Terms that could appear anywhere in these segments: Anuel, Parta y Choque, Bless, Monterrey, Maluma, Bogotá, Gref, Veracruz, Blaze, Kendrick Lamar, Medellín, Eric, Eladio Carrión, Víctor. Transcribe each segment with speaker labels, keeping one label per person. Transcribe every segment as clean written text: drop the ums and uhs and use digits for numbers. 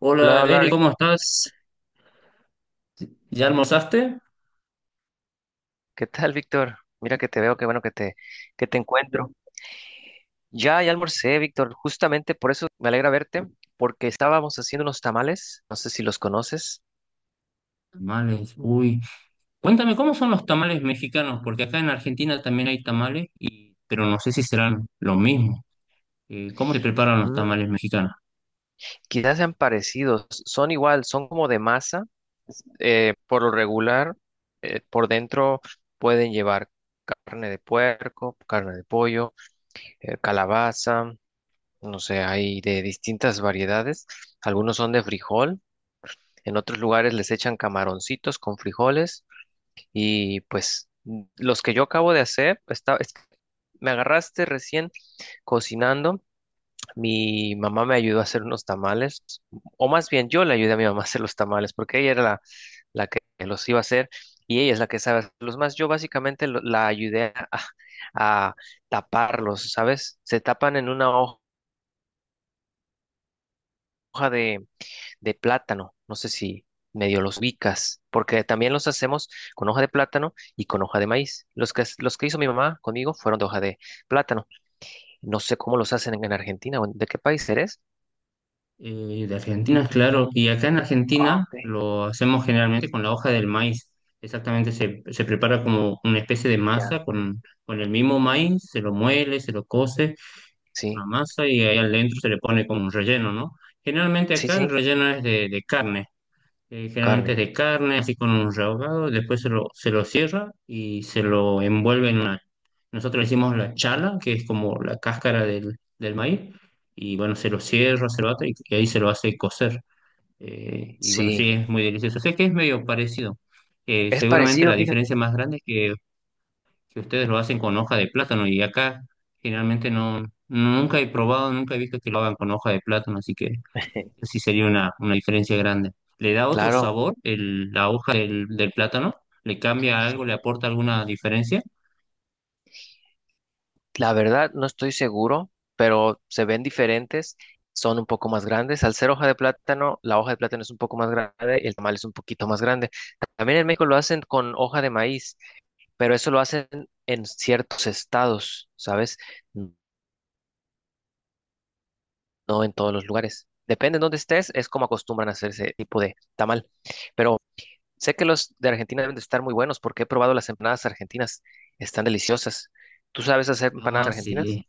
Speaker 1: Hola
Speaker 2: Hola, hola,
Speaker 1: Eric, ¿cómo estás? ¿Ya almorzaste?
Speaker 2: ¿Qué tal, Víctor? Mira que te veo, qué bueno que te encuentro. Ya almorcé, Víctor, justamente por eso me alegra verte, porque estábamos haciendo unos tamales, no sé si los conoces.
Speaker 1: Tamales, uy. Cuéntame, ¿cómo son los tamales mexicanos? Porque acá en Argentina también hay tamales, pero no sé si serán lo mismo. ¿Cómo te preparan los
Speaker 2: Mm,
Speaker 1: tamales mexicanos?
Speaker 2: Quizás sean parecidos, son igual, son como de masa, por lo regular, por dentro pueden llevar carne de puerco, carne de pollo, calabaza, no sé, hay de distintas variedades, algunos son de frijol. En otros lugares les echan camaroncitos con frijoles. Y pues los que yo acabo de hacer, está es me agarraste recién cocinando. Mi mamá me ayudó a hacer unos tamales, o más bien yo le ayudé a mi mamá a hacer los tamales, porque ella era la que los iba a hacer y ella es la que sabe hacerlos más. Yo básicamente la ayudé a taparlos, ¿sabes? Se tapan en una hoja de plátano. No sé si medio los ubicas, porque también los hacemos con hoja de plátano y con hoja de maíz. Los que hizo mi mamá conmigo fueron de hoja de plátano. No sé cómo los hacen en Argentina de qué país eres.
Speaker 1: De Argentina, claro. Y acá en
Speaker 2: Ah,
Speaker 1: Argentina
Speaker 2: ok,
Speaker 1: lo hacemos generalmente con la hoja del maíz. Exactamente, se prepara como una especie de
Speaker 2: ya.
Speaker 1: masa con el mismo maíz, se lo muele, se lo cose,
Speaker 2: Sí,
Speaker 1: una masa y ahí adentro se le pone como un relleno, ¿no? Generalmente
Speaker 2: sí,
Speaker 1: acá el
Speaker 2: sí,
Speaker 1: relleno es de carne. Generalmente
Speaker 2: carne.
Speaker 1: es de carne, así con un rehogado, después se lo cierra y se lo envuelve en una... Nosotros le hicimos la chala, que es como la cáscara del maíz, y bueno, se lo cierra, se lo ata y ahí se lo hace cocer. Y bueno,
Speaker 2: Sí,
Speaker 1: sí, es muy delicioso. Sé que es medio parecido.
Speaker 2: es
Speaker 1: Seguramente
Speaker 2: parecido,
Speaker 1: la
Speaker 2: fíjate.
Speaker 1: diferencia más grande es que ustedes lo hacen con hoja de plátano y acá generalmente no, nunca he probado, nunca he visto que lo hagan con hoja de plátano, así que sí sería una diferencia grande. ¿Le da otro
Speaker 2: Claro.
Speaker 1: sabor el- la hoja del plátano? ¿Le cambia algo? ¿Le aporta alguna diferencia?
Speaker 2: La verdad, no estoy seguro, pero se ven diferentes, son un poco más grandes. Al ser hoja de plátano, la hoja de plátano es un poco más grande y el tamal es un poquito más grande. También en México lo hacen con hoja de maíz, pero eso lo hacen en ciertos estados, ¿sabes? No en todos los lugares. Depende de dónde estés, es como acostumbran a hacer ese tipo de tamal. Pero sé que los de Argentina deben de estar muy buenos porque he probado las empanadas argentinas. Están deliciosas. ¿Tú sabes hacer empanadas
Speaker 1: Ah,
Speaker 2: argentinas?
Speaker 1: sí.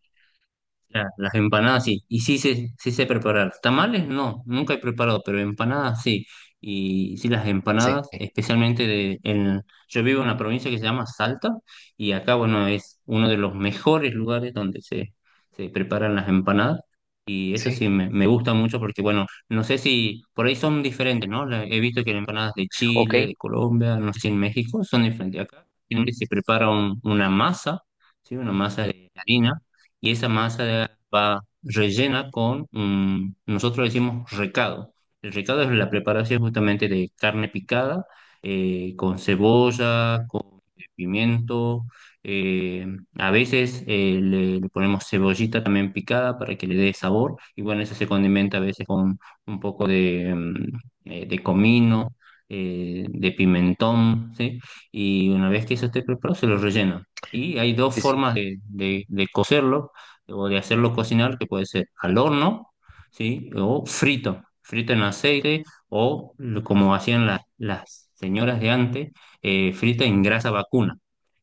Speaker 1: La- Las empanadas sí, y sí sé preparar. Tamales no, nunca he preparado, pero empanadas sí. Y sí, las
Speaker 2: Sí,
Speaker 1: empanadas, especialmente de... En, yo vivo en una provincia que se llama Salta y acá, bueno, es uno de los mejores lugares donde se preparan las empanadas. Y eso
Speaker 2: sí.
Speaker 1: sí, me gusta mucho porque, bueno, no sé si por ahí son diferentes, ¿no? La- he visto que las empanadas de
Speaker 2: Ok.
Speaker 1: Chile, de Colombia, no sé si en México son diferentes. Acá generalmente se prepara un- una masa, ¿sí? Una masa de harina y esa masa va rellena con, nosotros decimos recado. El recado es la preparación justamente de carne picada, con cebolla, con pimiento, eh, a veces le ponemos cebollita también picada para que le dé sabor, y bueno, eso se condimenta a veces con un poco de, de comino. De pimentón, ¿sí? Y una vez que eso esté preparado, se lo rellena. Y hay dos
Speaker 2: Sí,
Speaker 1: formas de cocerlo o de hacerlo cocinar, que puede ser al horno, ¿sí? O frito, frito en aceite, o lo- como hacían las señoras de antes, frita en grasa vacuna,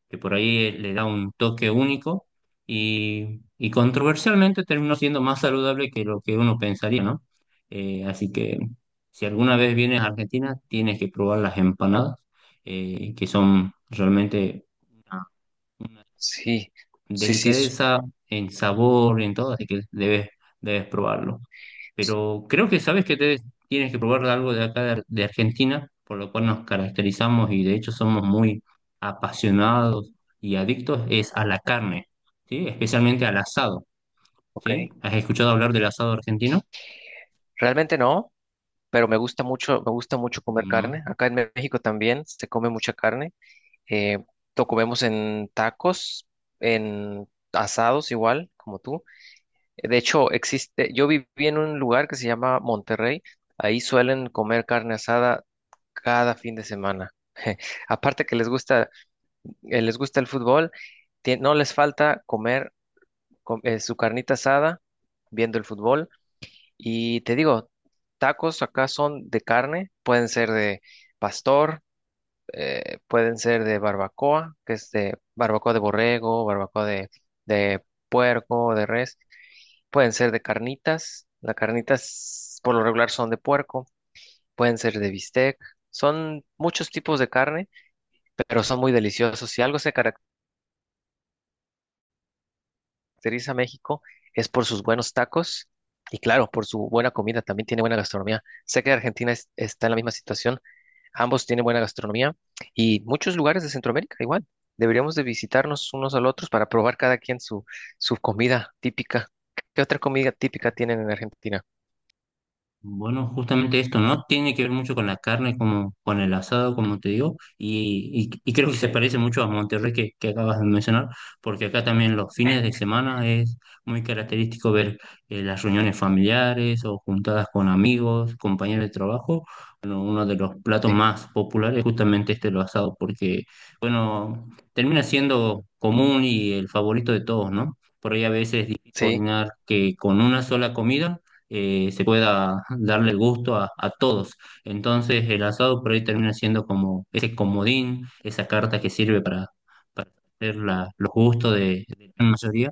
Speaker 1: que por ahí le da un toque único y controversialmente terminó siendo más saludable que lo que uno pensaría, ¿no? Así que si alguna vez vienes a Argentina, tienes que probar las empanadas, que son realmente
Speaker 2: sí, sí, sí, sí,
Speaker 1: delicadeza en sabor, en todo, así que debes, debes probarlo. Pero creo que sabes que te- tienes que probar algo de acá de, Ar- de Argentina, por lo cual nos caracterizamos y de hecho somos muy apasionados y adictos, es a la carne, ¿sí? Especialmente al asado,
Speaker 2: ok.
Speaker 1: ¿sí? ¿Has escuchado hablar del asado argentino?
Speaker 2: Realmente no, pero me gusta mucho comer
Speaker 1: No.
Speaker 2: carne. Acá en México también se come mucha carne. Eh, lo comemos en tacos, en asados igual, como tú. De hecho, existe, yo viví en un lugar que se llama Monterrey. Ahí suelen comer carne asada cada fin de semana. Aparte que les gusta el fútbol, no les falta comer su carnita asada viendo el fútbol. Y te digo, tacos acá son de carne, pueden ser de pastor, pueden ser de barbacoa, que es de barbacoa de borrego, barbacoa de puerco, de res, pueden ser de carnitas, las carnitas por lo regular son de puerco, pueden ser de bistec, son muchos tipos de carne, pero son muy deliciosos. Si algo se caracteriza a México es por sus buenos tacos. Y claro, por su buena comida, también tiene buena gastronomía. Sé que Argentina está en la misma situación. Ambos tienen buena gastronomía y muchos lugares de Centroamérica igual. Deberíamos de visitarnos unos a los otros para probar cada quien su comida típica. ¿Qué otra comida típica tienen en Argentina?
Speaker 1: Bueno, justamente esto, ¿no? Tiene que ver mucho con la carne, como con el asado, como te digo, y creo que se parece mucho a Monterrey que acabas de mencionar, porque acá también los fines de semana es muy característico ver las reuniones familiares o juntadas con amigos, compañeros de trabajo. Bueno, uno de los platos
Speaker 2: Sí,
Speaker 1: más populares es justamente este, el asado, porque, bueno, termina siendo común y el favorito de todos, ¿no? Por ahí a veces es difícil
Speaker 2: sí,
Speaker 1: coordinar que con una sola comida se pueda darle el gusto a todos. Entonces el asado por ahí termina siendo como ese comodín, esa carta que sirve para hacer la- los gustos de la gran mayoría.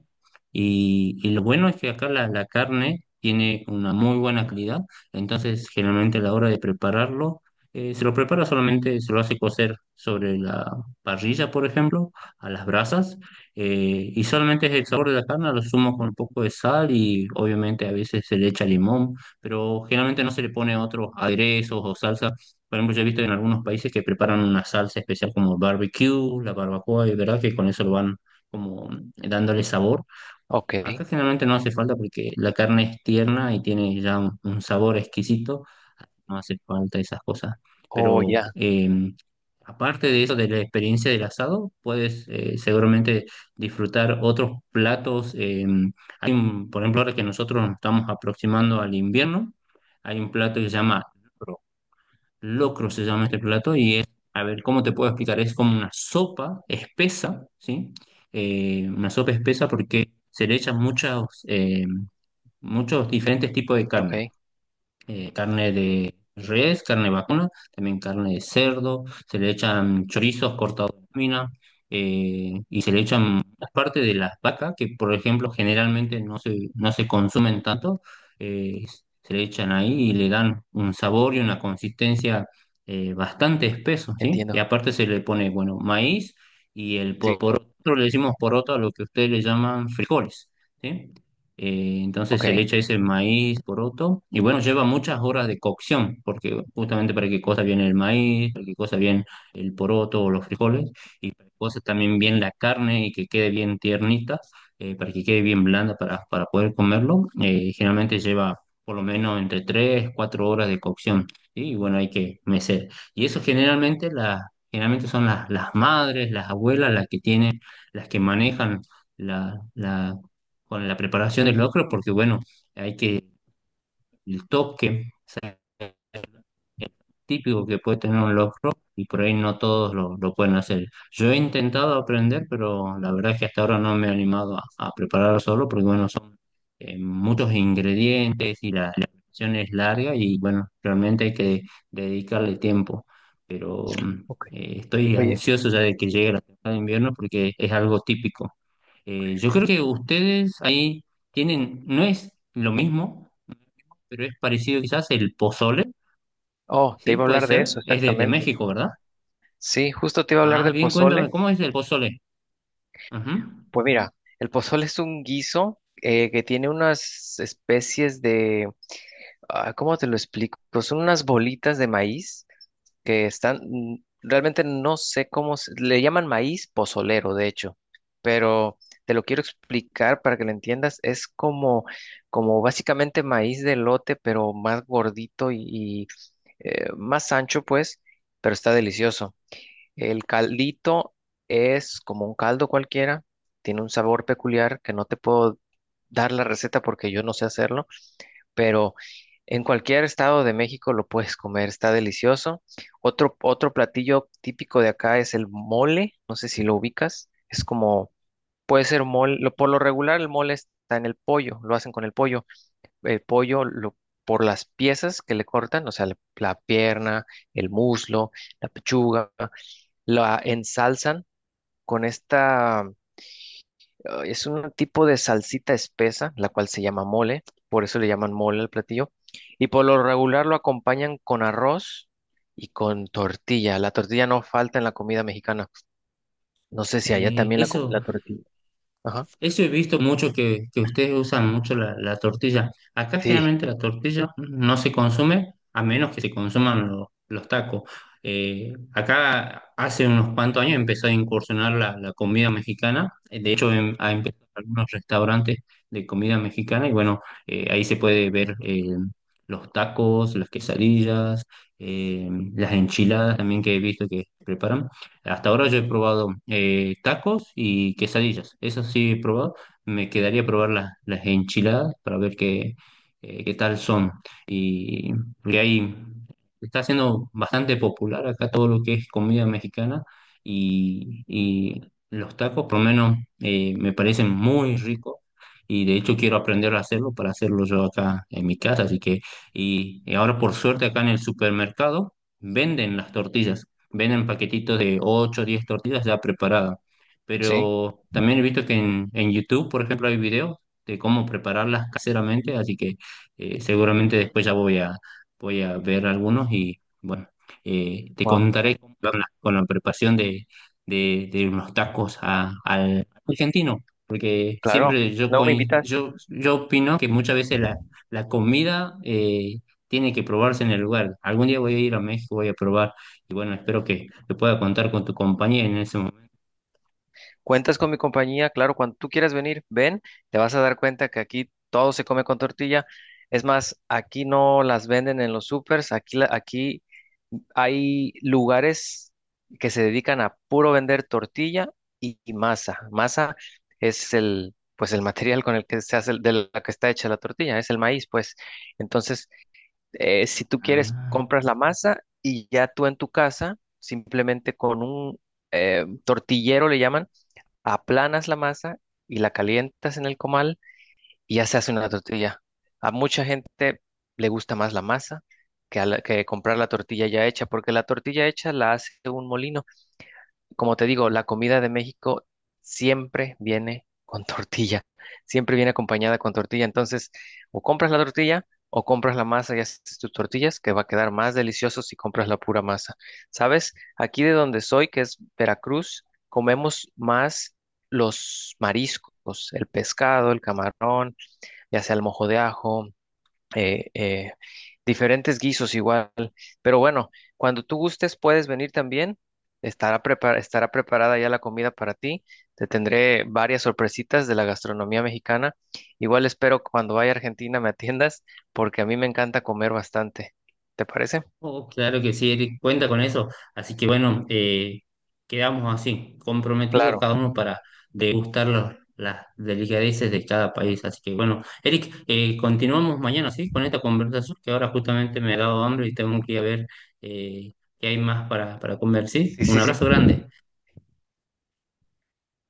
Speaker 1: Y lo bueno es que acá la, la carne tiene una muy buena calidad, entonces generalmente a la hora de prepararlo, se lo prepara solamente, se lo hace cocer sobre la parrilla, por ejemplo, a las brasas y solamente es el sabor de la carne, lo sumo con un poco de sal y obviamente a veces se le echa limón, pero generalmente no se le pone otros aderezos o salsa. Por ejemplo, yo he visto en algunos países que preparan una salsa especial como barbecue, la barbacoa, y verdad que con eso lo van como dándole sabor.
Speaker 2: ok.
Speaker 1: Acá generalmente no hace falta porque la carne es tierna y tiene ya un sabor exquisito, no hace falta esas cosas.
Speaker 2: Oh,
Speaker 1: Pero
Speaker 2: ya.
Speaker 1: aparte de eso, de la experiencia del asado, puedes seguramente disfrutar otros platos. Hay un- por ejemplo, ahora que nosotros nos estamos aproximando al invierno, hay un plato que se llama locro. Locro se llama este plato y es, a ver, ¿cómo te puedo explicar? Es como una sopa espesa, ¿sí? Una sopa espesa porque se le echan muchas, muchos diferentes tipos de
Speaker 2: Ok,
Speaker 1: carne, carne de res, carne vacuna, también carne de cerdo, se le echan chorizos cortados en lámina, y se le echan parte de las vacas que, por ejemplo, generalmente no se consumen tanto, eh, se le echan ahí y le dan un sabor y una consistencia, bastante espeso, ¿sí? Y
Speaker 2: entiendo.
Speaker 1: aparte se le pone, bueno, maíz y el
Speaker 2: Sí,
Speaker 1: por otro le decimos poroto a lo que ustedes le llaman frijoles, ¿sí? Entonces
Speaker 2: ok,
Speaker 1: se le echa ese maíz poroto y bueno, lleva muchas horas de cocción porque justamente para que cosa bien el maíz, para que cosa bien el poroto o los frijoles y para que cosa también bien la carne y que quede bien tiernita, para que quede bien blanda para poder comerlo. Generalmente lleva por lo menos entre 3 4 horas de cocción, ¿sí? Y bueno, hay que mecer. Y eso generalmente, generalmente son las madres, las abuelas las que tienen, las que manejan la, la con la preparación del locro, porque bueno, hay que el toque típico que puede tener un locro y por ahí no todos lo pueden hacer. Yo he intentado aprender, pero la verdad es que hasta ahora no me he animado a preparar solo porque bueno, son muchos ingredientes y la preparación es larga y bueno, realmente hay que dedicarle tiempo, pero
Speaker 2: ok.
Speaker 1: estoy
Speaker 2: Oye,
Speaker 1: ansioso ya de que llegue la temporada de invierno porque es algo típico. Yo creo que ustedes ahí tienen, no es lo mismo, pero es parecido quizás el pozole,
Speaker 2: oh, te
Speaker 1: ¿sí?
Speaker 2: iba a
Speaker 1: Puede
Speaker 2: hablar de
Speaker 1: ser,
Speaker 2: eso,
Speaker 1: es de
Speaker 2: exactamente.
Speaker 1: México, ¿verdad?
Speaker 2: Sí, justo te iba a hablar
Speaker 1: Ah,
Speaker 2: del
Speaker 1: bien,
Speaker 2: pozole.
Speaker 1: cuéntame, ¿cómo es el pozole? Ajá.
Speaker 2: Pues mira, el pozole es un guiso que tiene unas especies de, ah, ¿cómo te lo explico? Pues son unas bolitas de maíz que están, realmente no sé cómo, le llaman maíz pozolero, de hecho, pero te lo quiero explicar para que lo entiendas. Es como, como básicamente maíz de lote pero más gordito y más ancho, pues, pero está delicioso. El caldito es como un caldo cualquiera, tiene un sabor peculiar que no te puedo dar la receta porque yo no sé hacerlo, pero en cualquier estado de México lo puedes comer, está delicioso. Otro platillo típico de acá es el mole, no sé si lo ubicas, es como, puede ser mole, por lo regular el mole está en el pollo, lo hacen con el pollo lo, por las piezas que le cortan, o sea, la pierna, el muslo, la pechuga, la ensalzan con esta. Ah, es un tipo de salsita espesa, la cual se llama mole, por eso le llaman mole al platillo. Y por lo regular lo acompañan con arroz y con tortilla. La tortilla no falta en la comida mexicana. No sé si allá
Speaker 1: Sí,
Speaker 2: también la comen
Speaker 1: eso.
Speaker 2: la tortilla. Ajá.
Speaker 1: Eso he visto mucho que ustedes usan mucho la, la tortilla. Acá
Speaker 2: Sí,
Speaker 1: generalmente la tortilla no se consume a menos que se consuman lo- los tacos. Acá hace unos cuantos años empezó a incursionar la, la comida mexicana. De hecho, ha empezado algunos restaurantes de comida mexicana y bueno, ahí se puede ver los tacos, las quesadillas, eh, las enchiladas también que he visto que preparan. Hasta ahora yo he probado tacos y quesadillas, esas sí he probado. Me quedaría probar las enchiladas para ver qué, qué tal son. Y, y ahí está siendo bastante popular acá todo lo que es comida mexicana y los tacos, por lo menos, me parecen muy ricos. Y de hecho quiero aprender a hacerlo para hacerlo yo acá en mi casa. Así que, y ahora por suerte acá en el supermercado venden las tortillas, venden paquetitos de 8 o 10 tortillas ya preparadas.
Speaker 2: sí.
Speaker 1: Pero también he visto que en YouTube, por ejemplo, hay videos de cómo prepararlas caseramente, así que seguramente después ya voy a, voy a ver algunos y bueno, te
Speaker 2: Wow.
Speaker 1: contaré cómo van las- con la preparación de, de unos tacos a- al argentino, porque
Speaker 2: Claro.
Speaker 1: siempre yo,
Speaker 2: No me
Speaker 1: coin-
Speaker 2: invitas.
Speaker 1: yo opino que muchas veces la, la comida tiene que probarse en el lugar. Algún día voy a ir a México, voy a probar y bueno, espero que pueda contar con tu compañía en ese momento.
Speaker 2: Cuentas con mi compañía, claro, cuando tú quieras venir, ven, te vas a dar cuenta que aquí todo se come con tortilla. Es más, aquí no las venden en los supers, aquí hay lugares que se dedican a puro vender tortilla y masa. Masa es el, pues el material con el que se hace, de la que está hecha la tortilla, es el maíz, pues. Entonces, si tú quieres,
Speaker 1: Ah,
Speaker 2: compras la masa y ya tú en tu casa, simplemente con un tortillero le llaman, aplanas la masa y la calientas en el comal y ya se hace una tortilla. A mucha gente le gusta más la masa que comprar la tortilla ya hecha, porque la tortilla hecha la hace un molino. Como te digo, la comida de México siempre viene con tortilla, siempre viene acompañada con tortilla. Entonces, o compras la tortilla o compras la masa y haces tus tortillas, que va a quedar más delicioso si compras la pura masa. ¿Sabes? Aquí de donde soy, que es Veracruz, comemos más los mariscos, el pescado, el camarón, ya sea el mojo de ajo, eh, eh, diferentes guisos igual. Pero bueno, cuando tú gustes puedes venir también. Estará preparada ya la comida para ti. Te tendré varias sorpresitas de la gastronomía mexicana. Igual espero que cuando vaya a Argentina me atiendas porque a mí me encanta comer bastante. ¿Te parece?
Speaker 1: oh, claro que sí, Eric, cuenta con eso. Así que bueno, quedamos así, comprometidos
Speaker 2: Claro.
Speaker 1: cada uno para degustar los- las delicadeces de cada país. Así que bueno, Eric, continuamos mañana, ¿sí? Con esta conversación que ahora justamente me ha dado hambre y tengo que ir a ver eh, qué hay más para comer, ¿sí?
Speaker 2: Sí,
Speaker 1: Un
Speaker 2: sí, sí.
Speaker 1: abrazo grande.